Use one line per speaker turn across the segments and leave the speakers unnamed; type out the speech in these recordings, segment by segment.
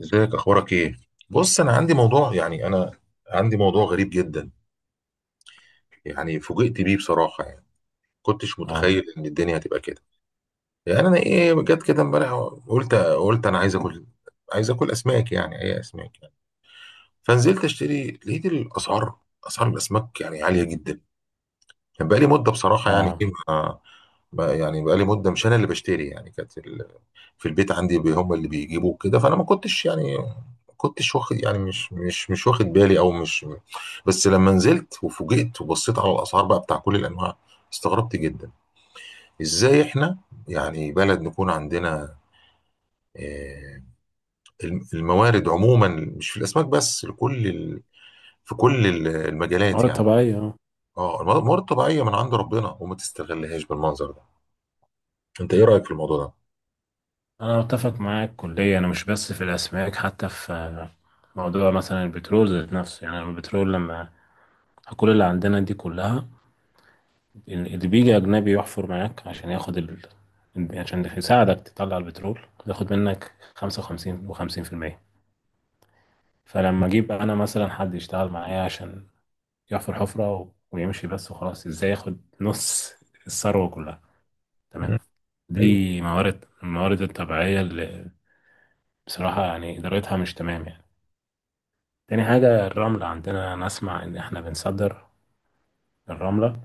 ازيك، اخبارك ايه؟ بص، انا عندي موضوع، يعني انا عندي موضوع غريب جدا. يعني فوجئت بيه بصراحه، يعني كنتش
اه
متخيل ان الدنيا هتبقى كده. يعني انا ايه جت كده امبارح. قلت انا عايز اكل اسماك، يعني اي اسماك، يعني فنزلت اشتري لقيت الاسعار. اسعار الاسماك يعني عاليه جدا. كان بقى لي مده بصراحه، يعني
اه
ايه ما ما- يعني بقى لي مده، مش انا اللي بشتري، يعني كانت في البيت عندي، هم اللي بيجيبوا كده. فانا ما كنتش يعني ما كنتش واخد، يعني مش واخد بالي، او مش. بس لما نزلت وفوجئت وبصيت على الاسعار بقى بتاع كل الانواع، استغربت جدا. ازاي احنا يعني بلد نكون عندنا آه، الموارد عموما، مش في الاسماك بس، لكل في كل المجالات
موارد
يعني.
طبيعية،
اه، الموارد الطبيعيه من عند ربنا وما تستغلهاش بالمنظر ده. انت ايه رايك في الموضوع ده؟
انا متفق معاك كليا، انا مش بس في الاسماك، حتى في موضوع مثلا البترول ذات نفسه. يعني البترول لما كل اللي عندنا دي كلها، اللي بيجي اجنبي يحفر معاك عشان ياخد عشان يساعدك تطلع البترول، ياخد منك خمسة وخمسين في المية. فلما
مم.
اجيب انا مثلا حد يشتغل معايا عشان يحفر حفرة ويمشي بس وخلاص، ازاي ياخد نص الثروة كلها؟ تمام.
مم. ايوه،
دي الموارد الطبيعية اللي بصراحة يعني إدارتها مش تمام يعني. تاني حاجة، الرملة عندنا، أنا أسمع إن إحنا بنصدر الرملة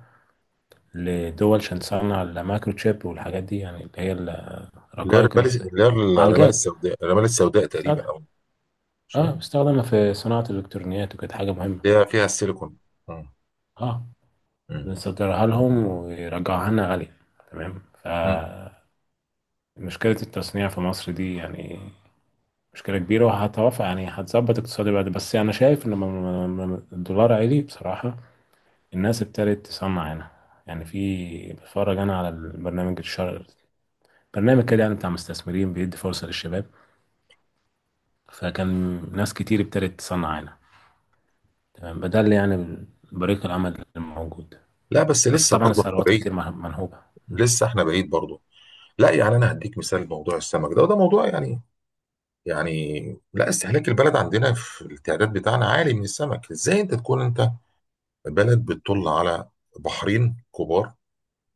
لدول عشان تصنع المايكروتشيب والحاجات دي، يعني اللي هي
اللي هي
الرقائق،
الرمال، اللي هي الرمال
المعالجات،
السوداء، الرمال السوداء تقريبا.
بتستخدم
او
اه
ماشي.
بتستخدم في صناعة الإلكترونيات وكده حاجة مهمة.
اللي هي فيها السيليكون. مم.
اه
مم.
بنصدرها لهم ويرجعوها لنا غالية، تمام.
مم.
فمشكلة التصنيع في مصر دي يعني مشكلة كبيرة، وهتوافق يعني هتظبط اقتصادي بعد، بس أنا شايف إن الدولار عالي بصراحة. الناس ابتدت تصنع هنا، يعني في، بتفرج انا على البرنامج الشر، برنامج كده يعني بتاع مستثمرين بيدي فرصة للشباب. فكان ناس كتير ابتدت تصنع هنا، تمام. ده اللي يعني بريق العمل الموجود.
لا بس
بس
لسه
طبعا
برضه إحنا
الثروات
بعيد.
كتير منهوبة. مم.
لسه احنا بعيد برضه. لا يعني انا هديك مثال موضوع السمك ده، وده موضوع يعني، يعني لا، استهلاك البلد عندنا في التعداد بتاعنا عالي من السمك. ازاي انت تكون انت بلد بتطل على بحرين كبار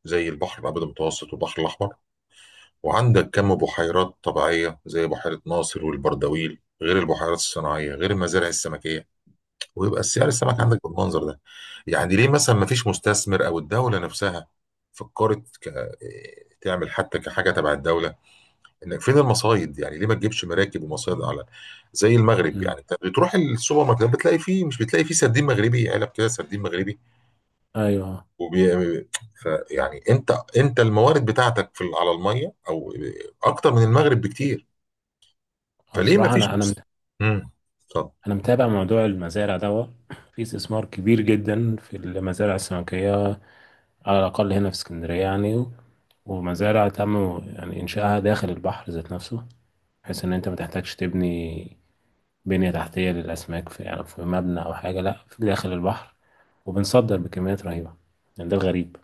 زي البحر الابيض المتوسط والبحر الاحمر، وعندك كم بحيرات طبيعيه زي بحيره ناصر والبردويل، غير البحيرات الصناعيه، غير المزارع السمكيه، ويبقى السعر السمك
مم.
عندك بالمنظر ده؟ يعني ليه مثلا ما فيش مستثمر او الدوله نفسها فكرت تعمل حتى كحاجه تبع الدوله، ان فين المصايد؟ يعني ليه ما تجيبش مراكب ومصايد على زي المغرب؟
مم.
يعني انت بتروح السوبر ماركت بتلاقي فيه، مش بتلاقي فيه سردين مغربي، علب كده سردين مغربي.
ايوه.
وبي... فيعني انت، انت الموارد بتاعتك في على الميه، او اكتر من المغرب بكتير.
هو
فليه ما
بصراحة
فيش امم طب.
انا متابع موضوع المزارع ده. في استثمار كبير جدا في المزارع السمكية، على الاقل هنا في اسكندرية يعني. ومزارع تم يعني انشائها داخل البحر ذات نفسه، بحيث ان انت ما تحتاجش تبني بنية تحتية للاسماك في، يعني في مبنى او حاجة، لا في داخل البحر. وبنصدر بكميات رهيبة، يعني ده الغريب.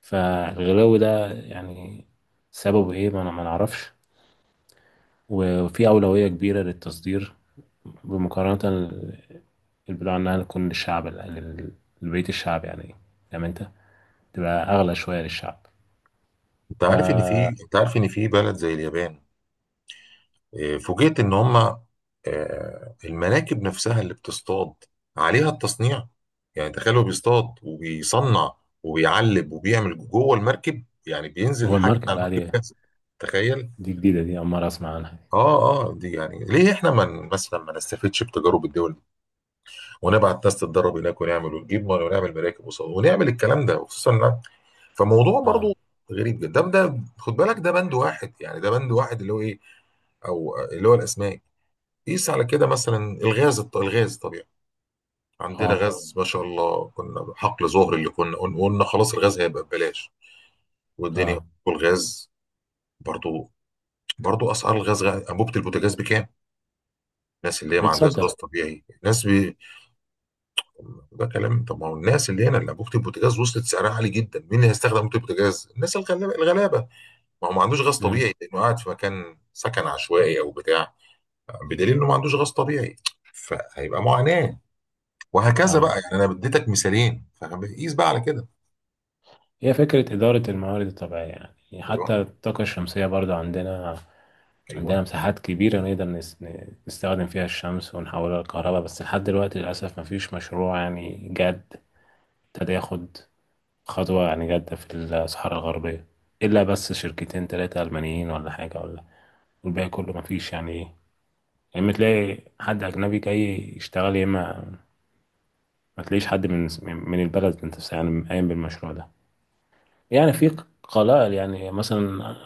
فالغلو ده يعني سببه ايه، ما نعرفش. وفي اولوية كبيرة للتصدير، بمقارنة ال- البضاعة انها تكون للشعب، لبيت الشعب يعني، فاهم انت، تبقى اغلى شوية للشعب.
انت عارف ان
فهو.
في، انت عارف ان في بلد زي اليابان؟ فوجئت ان هم، المناكب نفسها اللي بتصطاد عليها التصنيع. يعني تخيلوا بيصطاد وبيصنع وبيعلب وبيعمل جوه المركب. يعني بينزل حاجه
الماركة
على
لا،
المركب
دي
جاهزه. تخيل.
دي جديدة، دي أول مرة أسمع عنها.
اه اه، دي يعني ليه احنا من مثلا ما نستفدش بتجارب الدول دي، ونبعت ناس تتدرب هناك، ونعمل ونجيب ميه ونعمل مراكب ونعمل الكلام ده، خصوصا فموضوع
اه
برضو غريب جدا. ده خد بالك، ده بند واحد يعني، ده بند واحد، اللي هو ايه، او اللي هو الاسماك. قيس على كده مثلا الغاز، الغاز طبيعي. عندنا
اه
غاز ما شاء الله، كنا حقل ظهر اللي كنا قلنا خلاص الغاز هيبقى ببلاش والدنيا.
اه.
والغاز برضو، اسعار الغاز، انبوبه البوتاجاز بكام؟ الناس اللي هي ما عندهاش غاز
بيتصدر.
طبيعي، ده كلام. طب ما هو الناس اللي هنا اللي انبوبه البوتاجاز وصلت سعرها عالي جدا، مين اللي هيستخدم انبوبه البوتاجاز؟ الناس الغلابه، الغلابه ما هو ما عندوش غاز
مم.
طبيعي، لانه قاعد في مكان سكن عشوائي او بتاع، بدليل انه ما عندوش غاز طبيعي. فهيبقى معاناه. وهكذا
اه
بقى، يعني انا اديتك مثالين، فاهم؟ قيس بقى على كده.
هي فكرة إدارة الموارد الطبيعية، يعني
ايوه.
حتى الطاقة الشمسية برضو عندنا. عندنا
ايوه.
مساحات كبيرة نقدر نستخدم فيها الشمس ونحولها لكهرباء. بس لحد دلوقتي للأسف مفيش مشروع يعني جاد، ابتدى ياخد خطوة يعني جادة في الصحراء الغربية، إلا بس شركتين تلاتة ألمانيين ولا حاجة، ولا والباقي كله مفيش يعني إيه. يا إما تلاقي حد أجنبي جاي يشتغل، يا إما ما تلاقيش حد من البلد نفسها يعني قايم بالمشروع ده. يعني في قلائل يعني مثلا،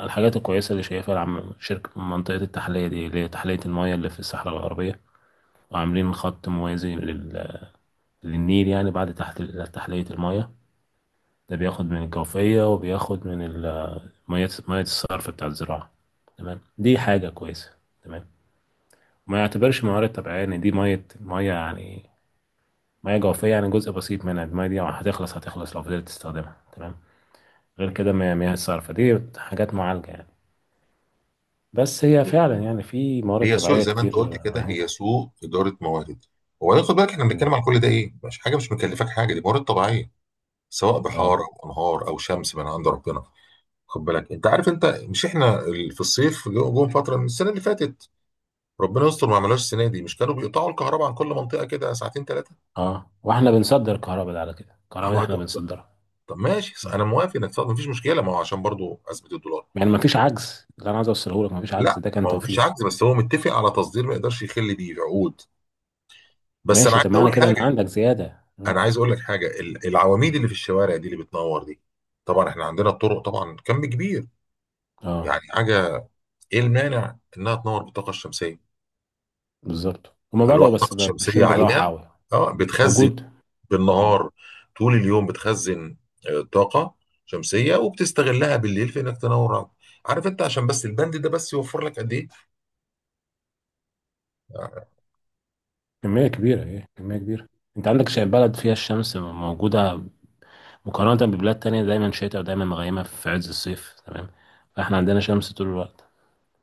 الحاجات الكويسة اللي شايفها العم، شركة منطقة التحلية دي اللي هي تحلية المياه اللي في الصحراء الغربية، وعاملين خط موازي للنيل يعني، بعد تحت تحلية المياه. ده بياخد من الجوفية وبياخد من مياه، الصرف بتاع الزراعة، تمام. دي حاجة كويسة، تمام. ما يعتبرش موارد طبيعية إن دي مية مية يعني، مياه جوفية يعني جزء بسيط منها. المياه دي هتخلص، هتخلص لو فضلت تستخدمها، تمام. غير
مم.
كده، مياه الصرف دي حاجات معالجة يعني. بس هي فعلا يعني في موارد
هي سوء،
طبيعية
زي ما انت
كتير
قلت كده، هي
منهوبة.
سوء اداره موارد. وبعدين خد بالك، احنا بنتكلم
مم.
عن كل ده ايه؟ مش حاجه، مش مكلفك حاجه، دي موارد طبيعيه، سواء بحار
اه.
او انهار او شمس من عند ربنا. خد بالك، انت عارف انت، مش احنا في الصيف جم فتره من السنه اللي فاتت، ربنا يستر ما عملوش السنه دي، مش كانوا بيقطعوا الكهرباء عن كل منطقه كده ساعتين ثلاثه؟
اه واحنا بنصدر الكهرباء، ده على كده الكهرباء دي احنا بنصدرها.
طب ماشي،
مم.
انا موافق انك تقطع، مفيش مشكله، ما هو عشان برضو اثبت الدولار.
يعني ما فيش عجز. اللي انا عايز اوصله لك، ما فيش عجز،
لا
ده كان
ما هو مفيش
توفير.
عجز، بس هو متفق على تصدير، ما يقدرش يخل بيه عقود. بس انا
ماشي،
عايز
طب معنى
اقول
كده ان
حاجه.
عندك زيادة.
انا
مم.
عايز اقول لك حاجه، العواميد
مم.
اللي في الشوارع دي اللي بتنور دي، طبعا احنا عندنا الطرق طبعا كم كبير،
اه
يعني حاجه، ايه المانع انها تنور بالطاقه الشمسيه؟
بالظبط، هما بدأوا
الواح الطاقه
بس بقى
الشمسيه
ماشيين بالراحة
عليها،
قوي.
اه بتخزن
موجود. مم.
بالنهار، طول اليوم بتخزن طاقه شمسيه، وبتستغلها بالليل في انك تنور عقد. عارف انت؟ عشان بس البند ده بس يوفر لك قد ايه؟ آه،
كمية
يعني.
كبيرة، ايه كمية كبيرة. انت عندك شيء، بلد فيها الشمس موجودة مقارنة ببلاد تانية دايما شتاء ودايما مغيمة في عز الصيف، تمام. فاحنا عندنا شمس طول الوقت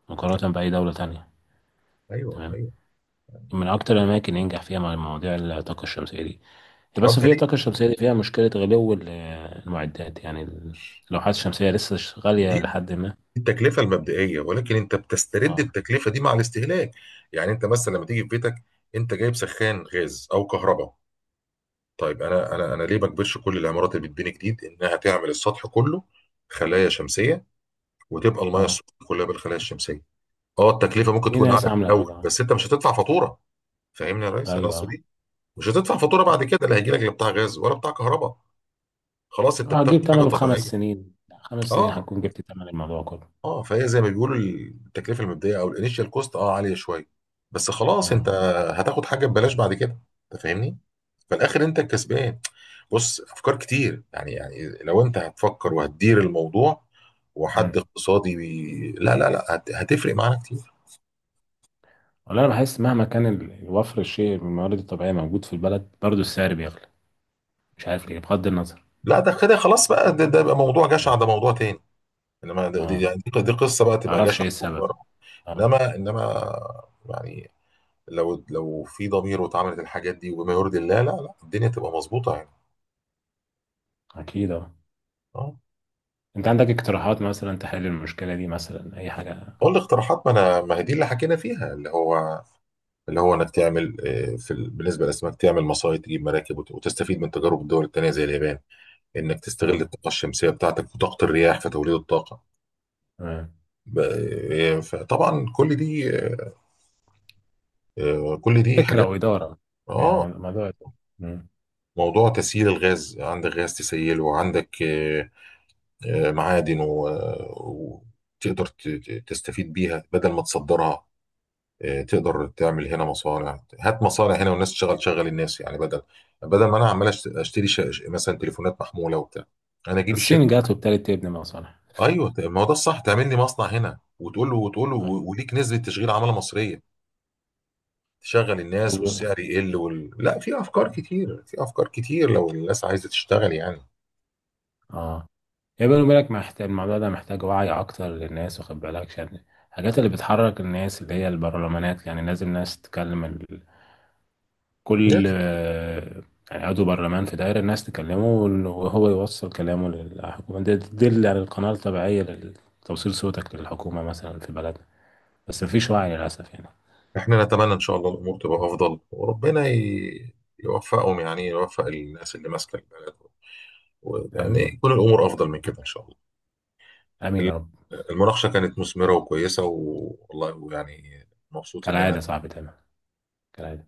مقارنة بأي دولة تانية،
ايوه،
تمام.
ايوه.
من اكتر الاماكن اللي ينجح فيها مع مواضيع الطاقه الشمسيه دي. هي
اه
بس
انت،
في الطاقه الشمسيه دي فيها مشكله غلو المعدات يعني اللوحات الشمسيه لسه غاليه
ليه
لحد ما.
التكلفة المبدئية، ولكن انت بتسترد
اه.
التكلفة دي مع الاستهلاك. يعني انت مثلا لما تيجي في بيتك، انت جايب سخان غاز او كهرباء. طيب انا، ليه ما اجبرش كل العمارات اللي بتبني جديد انها تعمل السطح كله خلايا شمسية، وتبقى المياه
اه
السخنة كلها بالخلايا الشمسية. اه التكلفة ممكن
في
تكون اعلى
ناس
في
عامله
الاول،
كده، اه.
بس انت مش هتدفع فاتورة. فاهمني يا ريس؟ انا
ايوه.
اقصد دي، مش هتدفع فاتورة
اه
بعد كده. لا هيجي لك لا بتاع غاز ولا بتاع كهرباء. خلاص انت بتاخد
هتجيب
حاجة
ثمنه في خمس
طبيعية.
سنين 5 سنين
اه.
هتكون جبت ثمن الموضوع كله.
اه، فهي زي ما بيقولوا التكلفه المبدئيه او الانيشال كوست اه عاليه شويه، بس خلاص انت
اه.
هتاخد حاجه ببلاش بعد كده. انت فاهمني؟ في الاخر انت الكسبان. بص افكار كتير، يعني لو انت هتفكر وهتدير الموضوع، وحد
امم
اقتصادي لا لا لا، هتفرق معانا كتير.
والله انا بحس مهما كان وفر الشيء من الموارد الطبيعيه موجود في البلد، برضه السعر بيغلى، مش عارف ليه، بغض النظر.
لا ده كده خلاص بقى، ده بقى موضوع جشع،
اه.
ده موضوع تاني. انما ده،
آه.
يعني دي قصه بقى، تبقى
تعرفش
جشع
ايه السبب؟
وتجاره.
اه.
انما يعني، لو في ضمير، واتعملت الحاجات دي وبما يرضي الله، لا لا الدنيا تبقى مظبوطه يعني.
اكيد اه.
اه.
انت عندك اقتراحات مثلا تحل المشكلة دي، مثلا اي حاجة؟
قول لي اقتراحات. ما انا، ما هي دي اللي حكينا فيها، اللي هو، اللي هو انك تعمل، بالنسبه للاسماك تعمل مصايد، تجيب مراكب، وتستفيد من تجارب الدول التانيه زي اليابان. انك تستغل
اه،
الطاقه الشمسيه بتاعتك وطاقه الرياح في توليد الطاقه.
تمام،
ب- فطبعا كل دي، كل دي
فكرة
حاجات.
وإدارة يعني
اه.
موضوع. مم.
موضوع تسييل الغاز، عندك غاز تسيله، وعندك معادن وتقدر تستفيد بيها بدل ما تصدرها. تقدر تعمل هنا مصانع، هات مصانع هنا والناس تشغل، شغل الناس يعني، بدل ما انا عمال اشتري مثلا تليفونات محموله وبتاع، انا اجيب الشركه.
الصين جات وابتدت تبني مصانع.
ايوه ما هو ده الصح، تعمل لي مصنع هنا، وتقول له،
طيب.
وليك نسبه تشغيل عماله مصريه، تشغل الناس
و-
والسعر يقل لا، في افكار كتير، في افكار كتير لو الناس عايزه تشتغل يعني.
اه يا بالي بالك، محتاج الموضوع ده محتاج وعي اكتر للناس، واخد بالك، عشان الحاجات اللي بتحرك الناس اللي هي البرلمانات، يعني لازم ناس تتكلم كل
يس.
يعني عضو برلمان في دايرة الناس تكلمه، وهو يوصل كلامه للحكومة، دي تدل على القناة الطبيعية لتوصيل صوتك للحكومة مثلا في بلد. بس مفيش وعي للأسف يعني.
احنا نتمنى ان شاء الله الامور تبقى افضل، وربنا يوفقهم، يعني يوفق الناس اللي ماسكه البلد، يعني
آمين.
يكون الامور افضل من كده ان شاء الله.
آمين يا رب.
المناقشة كانت مثمرة وكويسة والله، ويعني مبسوط إن
كالعادة
أنا.
يا صاحبي، تمام، كالعادة.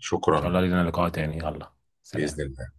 إن شاء الله لينا لقاء تاني، يلا.
بإذن
سلام.
الله.